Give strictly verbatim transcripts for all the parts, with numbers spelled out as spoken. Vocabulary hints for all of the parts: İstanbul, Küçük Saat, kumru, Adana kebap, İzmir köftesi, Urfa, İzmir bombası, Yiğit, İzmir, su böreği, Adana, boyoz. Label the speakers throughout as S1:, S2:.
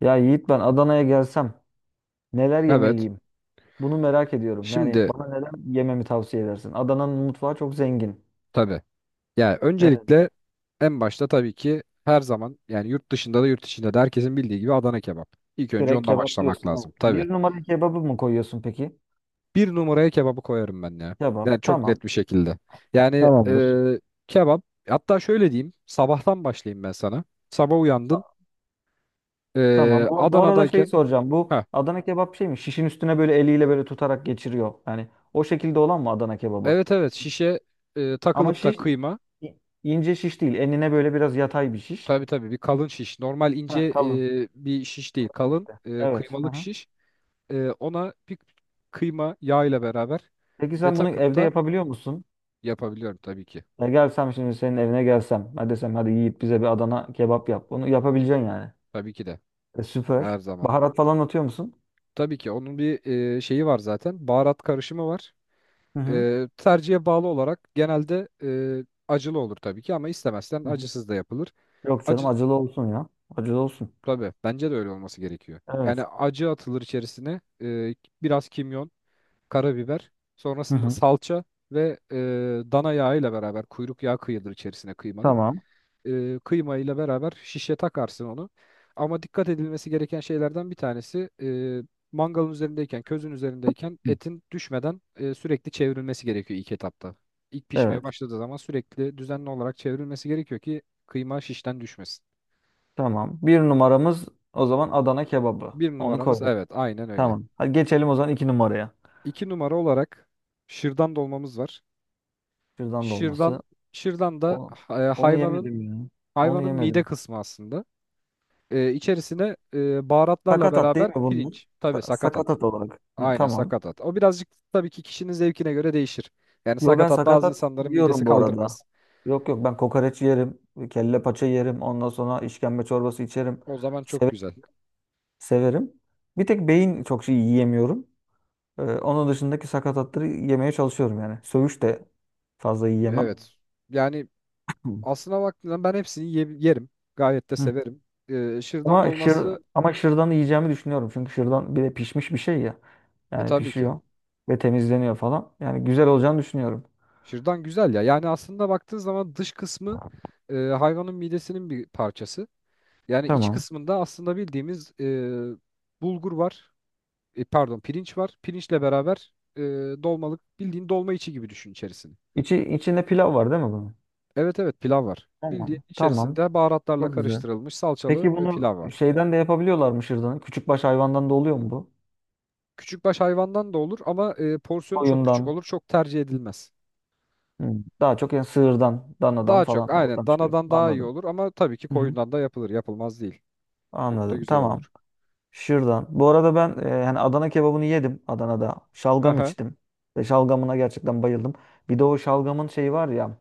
S1: Ya Yiğit ben Adana'ya gelsem neler
S2: Evet.
S1: yemeliyim? Bunu merak ediyorum. Yani
S2: Şimdi
S1: bana neler yememi tavsiye edersin? Adana'nın mutfağı çok zengin.
S2: tabii. Yani
S1: Evet.
S2: öncelikle en başta tabii ki her zaman yani yurt dışında da yurt içinde de herkesin bildiği gibi Adana kebap. İlk önce
S1: Direkt
S2: onunla
S1: kebap
S2: başlamak
S1: diyorsun. Evet.
S2: lazım tabii.
S1: Bir numara kebabı mı koyuyorsun peki?
S2: Bir numaraya kebabı koyarım ben ya.
S1: Kebap.
S2: Yani çok
S1: Tamam.
S2: net bir şekilde. Yani
S1: Tamamdır.
S2: e, kebap hatta şöyle diyeyim sabahtan başlayayım ben sana. Sabah
S1: Ta-
S2: uyandın
S1: Tamam.
S2: e,
S1: Bu, bu arada şey
S2: Adana'dayken
S1: soracağım. Bu
S2: ha,
S1: Adana kebap şey mi? Şişin üstüne böyle eliyle böyle tutarak geçiriyor. Yani o şekilde olan mı Adana kebabı?
S2: evet, evet, şişe e,
S1: Ama
S2: takılıp da
S1: şiş
S2: kıyma.
S1: i- ince şiş değil. Enine böyle biraz yatay bir şiş.
S2: Tabii, tabii, bir kalın şiş. Normal ince
S1: Heh, kalın.
S2: e, bir şiş değil,
S1: Kalın
S2: kalın
S1: işte.
S2: e,
S1: Evet. Hı
S2: kıymalık
S1: hı.
S2: şiş. E, ona bir kıyma yağ ile beraber
S1: Peki
S2: ve
S1: sen bunu
S2: takıp
S1: evde
S2: da
S1: yapabiliyor musun?
S2: yapabiliyorum tabii ki.
S1: Ya gelsem şimdi senin evine gelsem. Hadi desem hadi Yiğit bize bir Adana kebap yap. Bunu yapabileceksin yani.
S2: Tabii ki de
S1: E,
S2: her
S1: süper.
S2: zaman.
S1: Baharat falan atıyor musun?
S2: Tabii ki onun bir e, şeyi var zaten. Baharat karışımı var.
S1: Hı hı.
S2: E, tercihe bağlı olarak genelde e, acılı olur tabii ki ama istemezsen
S1: Hı hı.
S2: acısız da yapılır.
S1: Yok canım
S2: Acı
S1: acılı olsun ya. Acılı olsun.
S2: tabii, bence de öyle olması gerekiyor. Yani
S1: Evet.
S2: acı atılır içerisine, e, biraz kimyon, karabiber,
S1: Hı
S2: sonrasında
S1: hı.
S2: salça ve e, dana yağı ile beraber kuyruk yağı kıyılır içerisine kıymanın.
S1: Tamam.
S2: E, kıymayla beraber şişe takarsın onu. Ama dikkat edilmesi gereken şeylerden bir tanesi, e, mangalın üzerindeyken, közün üzerindeyken
S1: Hı.
S2: etin düşmeden e, sürekli çevrilmesi gerekiyor ilk etapta. İlk pişmeye
S1: Evet.
S2: başladığı zaman sürekli düzenli olarak çevrilmesi gerekiyor ki kıyma şişten düşmesin.
S1: Tamam. Bir numaramız o zaman Adana kebabı.
S2: Bir
S1: Onu
S2: numaramız,
S1: koyduk.
S2: evet, aynen öyle.
S1: Tamam. Hadi geçelim o zaman iki numaraya.
S2: İki numara olarak şırdan dolmamız var.
S1: Şırdan
S2: Şırdan,
S1: dolması.
S2: şırdan da
S1: O,
S2: e,
S1: Onu
S2: hayvanın
S1: yemedim ya. Onu
S2: hayvanın mide
S1: yemedim.
S2: kısmı aslında. E, içerisine e, baharatlarla
S1: Sakatat değil
S2: beraber
S1: mi bunlar?
S2: pirinç, tabii
S1: Sa-
S2: sakatat.
S1: sakatat olarak. Hı,
S2: Aynen
S1: tamam.
S2: sakatat. O birazcık tabii ki kişinin zevkine göre değişir. Yani
S1: Yo ben
S2: sakatat bazı
S1: sakatat
S2: insanların midesi
S1: yiyorum bu arada.
S2: kaldırmaz.
S1: Yok yok ben kokoreç yerim, kelle paça yerim, ondan sonra işkembe çorbası içerim.
S2: O zaman çok
S1: Seve-
S2: güzel.
S1: Severim. Bir tek beyin çok şey yiyemiyorum. Ee, onun dışındaki sakatatları yemeye çalışıyorum yani. Söğüş de fazla yiyemem.
S2: Evet. Yani
S1: Hı.
S2: aslına baktığında ben hepsini ye- yerim. Gayet de
S1: Hı.
S2: severim. Ee, şırdan
S1: Ama şır
S2: dolması
S1: ama şırdanı yiyeceğimi düşünüyorum. Çünkü şırdan bir de pişmiş bir şey ya.
S2: e
S1: Yani
S2: tabii ki.
S1: pişiyor ve temizleniyor falan. Yani güzel olacağını düşünüyorum.
S2: Şırdan güzel ya. Yani aslında baktığın zaman dış kısmı e, hayvanın midesinin bir parçası. Yani iç
S1: Tamam.
S2: kısmında aslında bildiğimiz e, bulgur var. E, pardon, pirinç var. Pirinçle beraber e, dolmalık bildiğin dolma içi gibi düşün içerisini.
S1: İçi, içinde pilav var değil mi bunun?
S2: Evet, evet, pilav var. Bildiğin
S1: Tamam. Tamam.
S2: içerisinde baharatlarla
S1: Çok güzel.
S2: karıştırılmış salçalı
S1: Peki
S2: e,
S1: bunu
S2: pilav var.
S1: şeyden de yapabiliyorlar mı şırdanı? Küçükbaş hayvandan da oluyor mu bu?
S2: Küçükbaş hayvandan da olur ama e, porsiyonu çok küçük
S1: Koyundan.
S2: olur. Çok tercih edilmez.
S1: Hı. Daha çok yani sığırdan, danadan
S2: Daha çok
S1: falan oradan
S2: aynen
S1: çıkıyor.
S2: danadan daha iyi
S1: Anladım.
S2: olur ama tabii ki
S1: Hı hı.
S2: koyundan da yapılır. Yapılmaz değil. Çok da
S1: Anladım.
S2: güzel olur.
S1: Tamam. Şırdan. Bu arada ben e, yani Adana kebabını yedim Adana'da.
S2: Hı
S1: Şalgam
S2: hı.
S1: içtim. Ve şalgamına gerçekten bayıldım. Bir de o şalgamın şeyi var ya.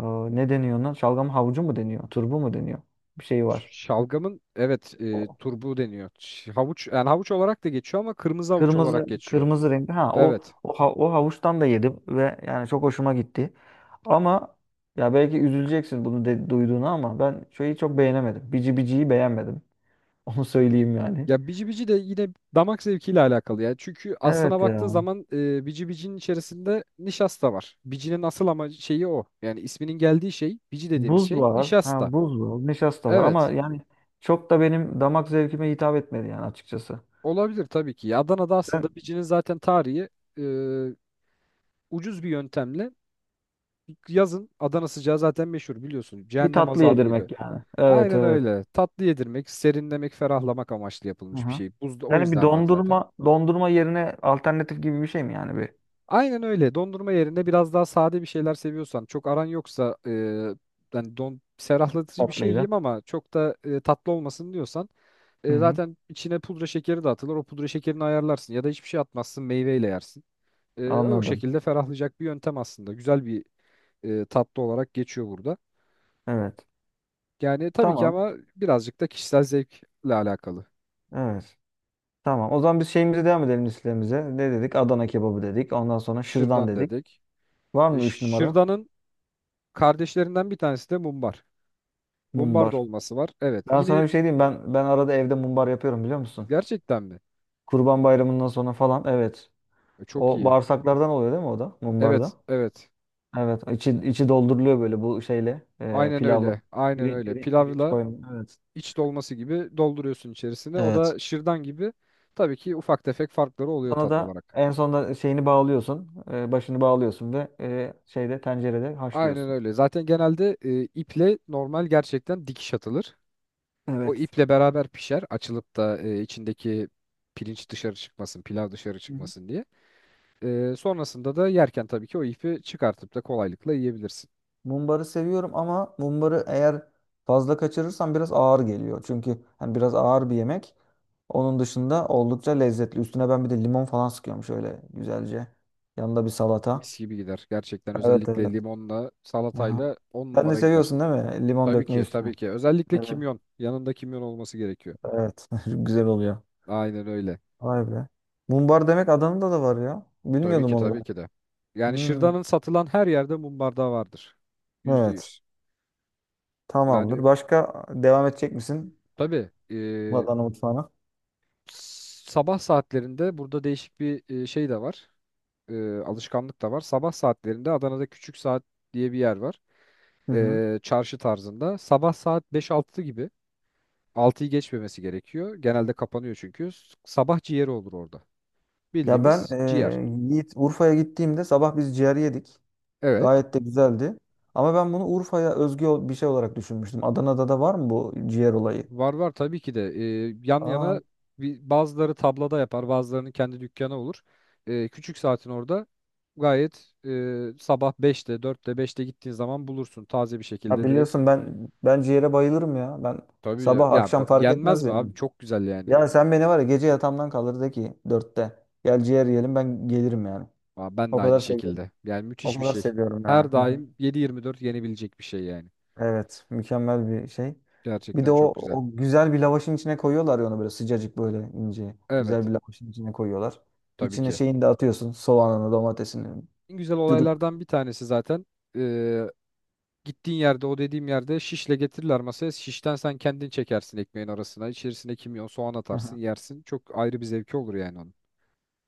S1: e, Ne deniyor ona? Şalgam havucu mu deniyor? Turbu mu deniyor? Bir şey var.
S2: Şalgamın, evet, e, turbu deniyor. Ş- Havuç, yani havuç olarak da geçiyor ama kırmızı havuç
S1: Kırmızı
S2: olarak geçiyor.
S1: kırmızı renkli. Ha, o
S2: Evet.
S1: o, ha- o havuçtan da yedim ve yani çok hoşuma gitti. Ama ya belki üzüleceksin bunu de, duyduğuna ama ben şeyi çok beğenemedim. Bici biciyi beğenmedim. Onu söyleyeyim yani.
S2: Ya bici bici de yine damak zevkiyle alakalı ya. Çünkü aslına
S1: Evet
S2: baktığın
S1: ya.
S2: zaman e, bici bicinin içerisinde nişasta var. Bicinin asıl ama şeyi o. Yani isminin geldiği şey bici dediğimiz
S1: Buz
S2: şey
S1: var. Ha,
S2: nişasta.
S1: buz var. Nişasta var ama
S2: Evet.
S1: yani çok da benim damak zevkime hitap etmedi yani açıkçası.
S2: Olabilir tabii ki. Ya Adana'da aslında
S1: Ben
S2: bicinin zaten tarihi e, ucuz bir yöntemle, yazın Adana sıcağı zaten meşhur biliyorsun.
S1: bir
S2: Cehennem
S1: tatlı
S2: azabı gibi.
S1: yedirmek yani. Evet
S2: Aynen
S1: evet.
S2: öyle. Tatlı yedirmek, serinlemek, ferahlamak amaçlı yapılmış bir
S1: Aha.
S2: şey. Buzda o
S1: Yani bir
S2: yüzden var zaten.
S1: dondurma dondurma yerine alternatif gibi bir şey mi yani bir
S2: Aynen öyle. Dondurma yerine biraz daha sade bir şeyler seviyorsan, çok aran yoksa e, yani don ferahlatıcı bir şey
S1: tatlıyla?
S2: yiyeyim ama çok da e, tatlı olmasın diyorsan
S1: Hı
S2: e,
S1: hı.
S2: zaten içine pudra şekeri de atılır. O pudra şekerini ayarlarsın ya da hiçbir şey atmazsın, meyveyle yersin. E, o
S1: Anladım.
S2: şekilde ferahlayacak bir yöntem aslında. Güzel bir e, tatlı olarak geçiyor burada.
S1: Evet.
S2: Yani tabii ki
S1: Tamam.
S2: ama birazcık da kişisel zevkle alakalı.
S1: Evet. Tamam. O zaman biz şeyimize devam edelim listemize. Ne dedik? Adana kebabı dedik. Ondan sonra şırdan
S2: Şırdan
S1: dedik.
S2: dedik.
S1: Var
S2: E,
S1: mı üç numara?
S2: şırdanın kardeşlerinden bir tanesi de mumbar. Mumbar
S1: Mumbar.
S2: dolması var. Evet.
S1: Ben
S2: Yine.
S1: sana bir şey diyeyim. Ben ben arada evde mumbar yapıyorum biliyor musun?
S2: Gerçekten mi?
S1: Kurban Bayramı'ndan sonra falan. Evet.
S2: E, Çok
S1: O
S2: iyi.
S1: bağırsaklardan oluyor değil mi o da? Mumbarda.
S2: Evet, evet.
S1: Evet. İçi, içi dolduruluyor böyle bu şeyle. E,
S2: Aynen
S1: pilavla.
S2: öyle. Aynen
S1: Pirin,
S2: öyle.
S1: pirin, pirinç
S2: Pilavla
S1: koyun. Evet.
S2: iç dolması gibi dolduruyorsun içerisine. O
S1: Evet.
S2: da şırdan gibi. Tabii ki ufak tefek farkları oluyor
S1: Sana
S2: tat
S1: da
S2: olarak.
S1: en sonunda şeyini bağlıyorsun. E, başını bağlıyorsun ve e, şeyde tencerede
S2: Aynen
S1: haşlıyorsun.
S2: öyle. Zaten genelde e, iple normal gerçekten dikiş atılır. O
S1: Evet.
S2: iple beraber pişer. Açılıp da e, içindeki pirinç dışarı çıkmasın, pilav dışarı
S1: Hı hı.
S2: çıkmasın diye. E, sonrasında da yerken tabii ki o ipi çıkartıp da kolaylıkla yiyebilirsin.
S1: Mumbarı seviyorum ama mumbarı eğer fazla kaçırırsam biraz ağır geliyor. Çünkü hani biraz ağır bir yemek. Onun dışında oldukça lezzetli. Üstüne ben bir de limon falan sıkıyorum şöyle güzelce. Yanında bir salata.
S2: Mis gibi gider. Gerçekten
S1: Evet
S2: özellikle
S1: evet.
S2: limonla,
S1: Aha.
S2: salatayla on
S1: Sen de
S2: numara gider.
S1: seviyorsun değil mi? Limon
S2: Tabii
S1: dökmeyi
S2: ki,
S1: üstüne.
S2: tabii ki. Özellikle
S1: Evet.
S2: kimyon. Yanında kimyon olması gerekiyor.
S1: Evet. Güzel oluyor.
S2: Aynen öyle.
S1: Vay be. Mumbar demek Adana'da da var ya.
S2: Tabii
S1: Bilmiyordum
S2: ki,
S1: onu
S2: tabii
S1: ben.
S2: ki de. Yani
S1: Hmm.
S2: şırdanın satılan her yerde mum bardağı vardır. Yüzde
S1: Evet.
S2: yüz.
S1: Tamamdır.
S2: Yani
S1: Başka devam edecek misin?
S2: tabii e,
S1: Adana mutfağına.
S2: s- sabah saatlerinde burada değişik bir e, şey de var. E, alışkanlık da var. Sabah saatlerinde Adana'da Küçük Saat diye bir yer var.
S1: Hı hı.
S2: E, çarşı tarzında. Sabah saat beş altı gibi. Altıyı geçmemesi gerekiyor. Genelde kapanıyor çünkü. S- Sabah ciğeri olur orada.
S1: Ya ben
S2: Bildiğimiz ciğer.
S1: eee, Yiğit Urfa'ya gittiğimde sabah biz ciğer yedik.
S2: Evet.
S1: Gayet de güzeldi. Ama ben bunu Urfa'ya özgü ol- bir şey olarak düşünmüştüm. Adana'da da var mı bu ciğer olayı?
S2: Var, var tabii ki de. Ee, yan
S1: Aa,
S2: yana, bir, bazıları tablada yapar, bazılarının kendi dükkanı olur. Ee, küçük saatin orada gayet e, sabah beşte dörtte beşte gittiğin zaman bulursun taze bir
S1: ya
S2: şekilde direkt.
S1: biliyorsun ben ben ciğere bayılırım ya. Ben
S2: Tabii ya,
S1: sabah
S2: ya
S1: akşam
S2: ba-
S1: fark
S2: yenmez
S1: etmez
S2: mi
S1: yani.
S2: abi, çok güzel yani.
S1: Ya sen beni var ya gece yatağımdan kaldır de ki dörtte. Gel ciğer yiyelim ben gelirim yani.
S2: Aa, ben
S1: O
S2: de
S1: kadar
S2: aynı
S1: seviyorum.
S2: şekilde, yani müthiş
S1: O
S2: bir
S1: kadar
S2: şey.
S1: seviyorum yani.
S2: Her daim yedi yirmi dört yenebilecek bir şey yani.
S1: Evet, mükemmel bir şey. Bir de
S2: Gerçekten
S1: o,
S2: çok güzel.
S1: o güzel bir lavaşın içine koyuyorlar ya onu böyle sıcacık böyle ince. Güzel
S2: Evet,
S1: bir lavaşın içine koyuyorlar.
S2: tabii
S1: İçine
S2: ki.
S1: şeyini de atıyorsun. Soğanını, domatesini
S2: En güzel
S1: dürüp.
S2: olaylardan bir tanesi zaten e, gittiğin yerde, o dediğim yerde şişle getirirler masaya. Şişten sen kendin çekersin ekmeğin arasına. İçerisine kimyon, soğan
S1: Hı
S2: atarsın,
S1: hı.
S2: yersin. Çok ayrı bir zevki olur yani onun.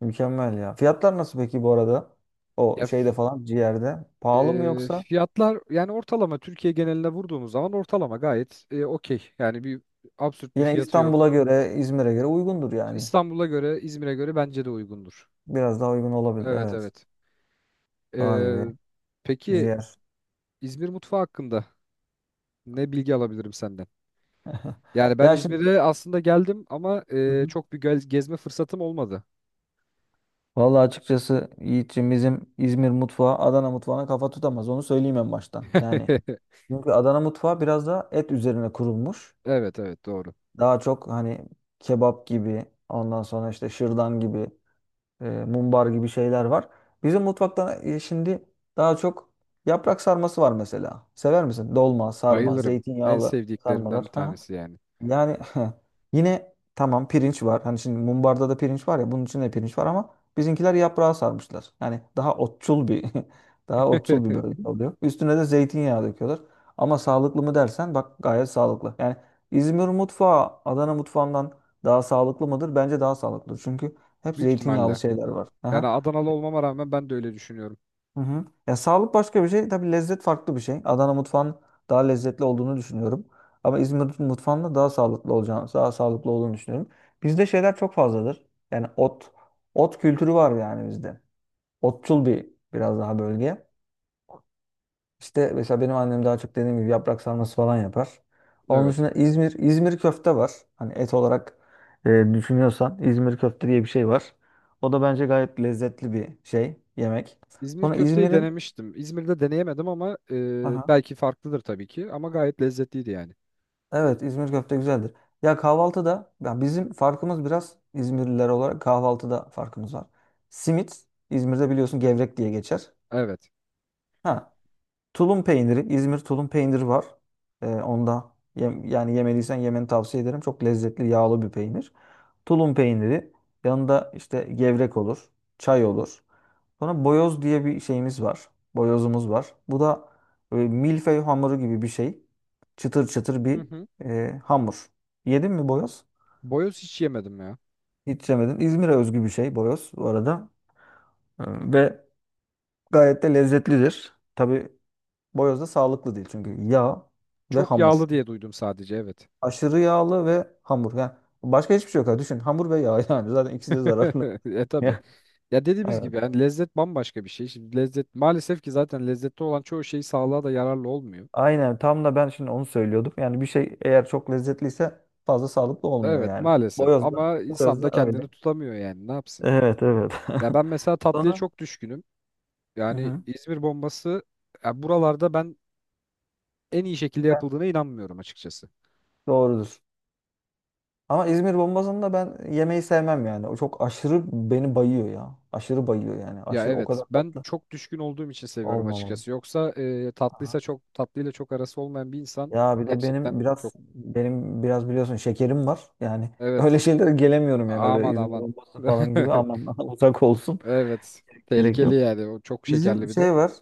S1: Mükemmel ya. Fiyatlar nasıl peki bu arada? O
S2: Ya f-
S1: şeyde falan ciğerde. Pahalı mı
S2: e,
S1: yoksa?
S2: fiyatlar yani ortalama Türkiye geneline vurduğumuz zaman ortalama gayet e, okey. Yani bir absürt bir
S1: Yine
S2: fiyatı
S1: İstanbul'a
S2: yok.
S1: göre, İzmir'e göre uygundur yani.
S2: İstanbul'a göre, İzmir'e göre bence de uygundur.
S1: Biraz daha uygun olabilir.
S2: Evet,
S1: Evet.
S2: evet. E,
S1: Vay be.
S2: peki
S1: Ciğer.
S2: İzmir mutfağı hakkında ne bilgi alabilirim senden? Yani ben
S1: Ya şimdi.
S2: İzmir'e aslında geldim ama
S1: Hı
S2: e,
S1: hı.
S2: çok bir gel- gezme fırsatım olmadı.
S1: Vallahi açıkçası Yiğit'ciğim bizim İzmir mutfağı Adana mutfağına kafa tutamaz. Onu söyleyeyim en baştan. Yani çünkü Adana mutfağı biraz daha et üzerine kurulmuş.
S2: Evet, evet, doğru.
S1: Daha çok hani kebap gibi, ondan sonra işte şırdan gibi, e, mumbar gibi şeyler var. Bizim mutfakta e, şimdi daha çok yaprak sarması var mesela. Sever misin? Dolma, sarma,
S2: Bayılırım. En
S1: zeytinyağlı
S2: sevdiklerimden
S1: sarmalar.
S2: bir
S1: Hı hı.
S2: tanesi yani.
S1: Yani yine tamam pirinç var. Hani şimdi mumbarda da pirinç var ya bunun içinde de pirinç var ama bizimkiler yaprağa sarmışlar. Yani daha otçul bir daha otçul bir bölge oluyor. Üstüne de zeytinyağı döküyorlar. Ama sağlıklı mı dersen bak gayet sağlıklı. Yani İzmir mutfağı Adana mutfağından daha sağlıklı mıdır? Bence daha sağlıklı. Çünkü hep
S2: Büyük
S1: zeytinyağlı
S2: ihtimalle.
S1: şeyler var.
S2: Yani
S1: Aha.
S2: Adanalı olmama rağmen ben de öyle düşünüyorum.
S1: Hı hı. Ya sağlık başka bir şey. Tabii lezzet farklı bir şey. Adana mutfağın daha lezzetli olduğunu düşünüyorum. Ama İzmir mutfağının da daha sağlıklı olacağını, daha sağlıklı olduğunu düşünüyorum. Bizde şeyler çok fazladır. Yani ot, ot kültürü var yani bizde. Otçul bir biraz daha bölge. İşte mesela benim annem daha çok dediğim gibi yaprak sarması falan yapar. Onun
S2: Evet.
S1: dışında İzmir, İzmir köfte var. Hani et olarak e, düşünüyorsan İzmir köfte diye bir şey var. O da bence gayet lezzetli bir şey, yemek.
S2: İzmir
S1: Sonra
S2: köfteyi
S1: İzmir'in.
S2: denemiştim. İzmir'de deneyemedim ama e,
S1: Aha.
S2: belki farklıdır tabii ki. Ama gayet lezzetliydi yani.
S1: Evet İzmir köfte güzeldir. Ya kahvaltıda ya bizim farkımız biraz İzmirliler olarak kahvaltıda farkımız var. Simit İzmir'de biliyorsun gevrek diye geçer.
S2: Evet.
S1: Ha, tulum peyniri İzmir tulum peyniri var. Ee, onda yem- yani yemeliysen yemeni tavsiye ederim. Çok lezzetli yağlı bir peynir. Tulum peyniri yanında işte gevrek olur, çay olur. Sonra boyoz diye bir şeyimiz var. Boyozumuz var. Bu da e, milföy hamuru gibi bir şey. Çıtır çıtır
S2: Hı
S1: bir
S2: hı.
S1: e, hamur. Yedin mi boyoz?
S2: Boyoz hiç yemedim ya.
S1: Hiç yemedin. İzmir'e özgü bir şey boyoz bu arada. E, Ve gayet de lezzetlidir. Tabii boyoz da sağlıklı değil çünkü yağ ve
S2: Çok
S1: hamur.
S2: yağlı diye duydum sadece. Evet.
S1: Aşırı yağlı ve hamur. Yani başka hiçbir şey yok. Düşün hamur ve yağ yani zaten ikisi de zararlı.
S2: E, tabii. Ya dediğimiz
S1: Evet.
S2: gibi yani lezzet bambaşka bir şey. Şimdi lezzet maalesef ki zaten lezzetli olan çoğu şey sağlığa da yararlı olmuyor.
S1: Aynen tam da ben şimdi onu söylüyordum. Yani bir şey eğer çok lezzetliyse fazla sağlıklı olmuyor
S2: Evet
S1: yani.
S2: maalesef
S1: Boyoz da,
S2: ama
S1: boyoz
S2: insan da
S1: da
S2: kendini
S1: öyle.
S2: tutamıyor yani, ne yapsın.
S1: Evet evet.
S2: Ya ben mesela tatlıya
S1: Sonra.
S2: çok düşkünüm.
S1: Hı
S2: Yani
S1: hı.
S2: İzmir bombası ya, buralarda ben en iyi şekilde
S1: Ben-
S2: yapıldığına inanmıyorum açıkçası.
S1: Doğrudur. Ama İzmir bombasını da ben yemeyi sevmem yani. O çok aşırı beni bayıyor ya. Aşırı bayıyor yani.
S2: Ya
S1: Aşırı o
S2: evet,
S1: kadar
S2: ben
S1: tatlı
S2: çok düşkün olduğum için seviyorum
S1: olmamalı.
S2: açıkçası. Yoksa e,
S1: Aha.
S2: tatlıysa, çok tatlıyla çok arası olmayan bir insan
S1: Ya bir de benim
S2: gerçekten çok,
S1: biraz benim biraz biliyorsun şekerim var. Yani öyle
S2: evet,
S1: şeylere gelemiyorum yani öyle
S2: aman
S1: İzmir
S2: aman.
S1: bombası falan gibi aman uzak olsun.
S2: Evet,
S1: Gerek
S2: tehlikeli
S1: yok.
S2: yani o, çok
S1: Bizim
S2: şekerli bir de.
S1: şey var.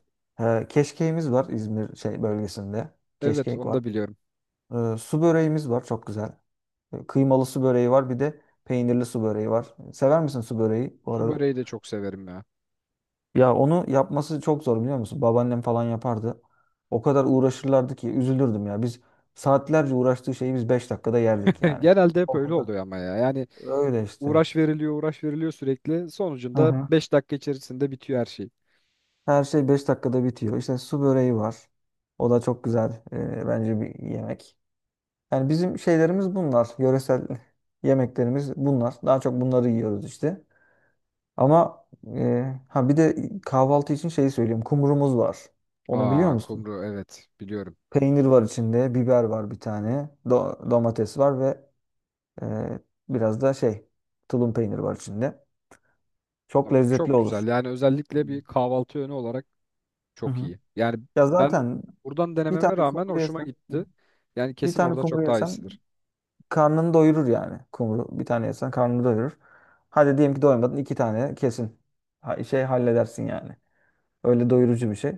S1: E, keşkeğimiz var İzmir şey bölgesinde.
S2: Evet,
S1: Keşkek
S2: onu
S1: var.
S2: da biliyorum.
S1: E, su böreğimiz var çok güzel. E, kıymalı su böreği var bir de peynirli su böreği var. Sever misin su böreği bu
S2: Su
S1: arada?
S2: böreği de çok severim ya.
S1: Ya onu yapması çok zor biliyor musun? Babaannem falan yapardı. O kadar uğraşırlardı ki üzülürdüm ya. Biz saatlerce uğraştığı şeyi biz beş dakikada yerdik yani.
S2: Genelde hep
S1: O
S2: öyle
S1: kadar.
S2: oluyor ama ya. Yani
S1: Öyle işte.
S2: uğraş veriliyor, uğraş veriliyor sürekli.
S1: Hı
S2: Sonucunda
S1: hı.
S2: beş dakika içerisinde bitiyor her şey.
S1: Her şey beş dakikada bitiyor. İşte su böreği var. O da çok güzel e, bence bir yemek. Yani bizim şeylerimiz bunlar. Yöresel yemeklerimiz bunlar. Daha çok bunları yiyoruz işte. Ama e, ha bir de kahvaltı için şeyi söyleyeyim. Kumrumuz var. Onu biliyor
S2: Aa,
S1: musun?
S2: kumru, evet, biliyorum.
S1: Peynir var içinde, biber var bir tane, do- domates var ve e, biraz da şey tulum peyniri var içinde. Çok
S2: Abi,
S1: lezzetli
S2: çok
S1: olur.
S2: güzel. Yani özellikle
S1: Hmm.
S2: bir kahvaltı yönü olarak
S1: Hı
S2: çok
S1: hı.
S2: iyi. Yani
S1: Ya
S2: ben
S1: zaten
S2: buradan
S1: bir
S2: denememe
S1: tane
S2: rağmen
S1: kumru
S2: hoşuma
S1: yesen. Hı hı.
S2: gitti. Yani
S1: Bir
S2: kesin
S1: tane
S2: orada
S1: kumru
S2: çok daha
S1: yesen
S2: iyisidir.
S1: karnını doyurur yani kumru. Bir tane yesen karnını doyurur. Hadi diyelim ki doymadın iki tane kesin. Ha- Şey halledersin yani. Öyle doyurucu bir şey.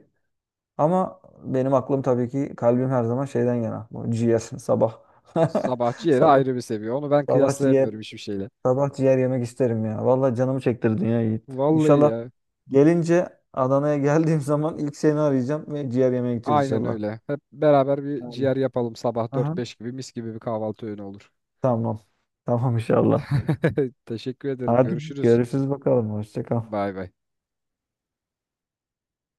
S1: Ama benim aklım tabii ki kalbim her zaman şeyden yana. Bu ciğer sabah.
S2: Sabahçı yeri
S1: Sabah,
S2: ayrı bir seviye. Onu ben
S1: sabah ciğer.
S2: kıyaslayamıyorum hiçbir şeyle.
S1: Sabah ciğer yemek isterim ya. Vallahi canımı çektirdin ya Yiğit.
S2: Vallahi
S1: İnşallah
S2: ya.
S1: gelince Adana'ya geldiğim zaman ilk seni arayacağım ve ciğer yemeye gideceğiz
S2: Aynen
S1: inşallah.
S2: öyle. Hep beraber bir
S1: Aynen.
S2: ciğer yapalım sabah
S1: Aha.
S2: dört beş gibi, mis gibi bir kahvaltı öğünü olur.
S1: Tamam. Tamam inşallah.
S2: Teşekkür ederim.
S1: Hadi
S2: Görüşürüz.
S1: görüşürüz bakalım. Hoşça kal.
S2: Bay bay.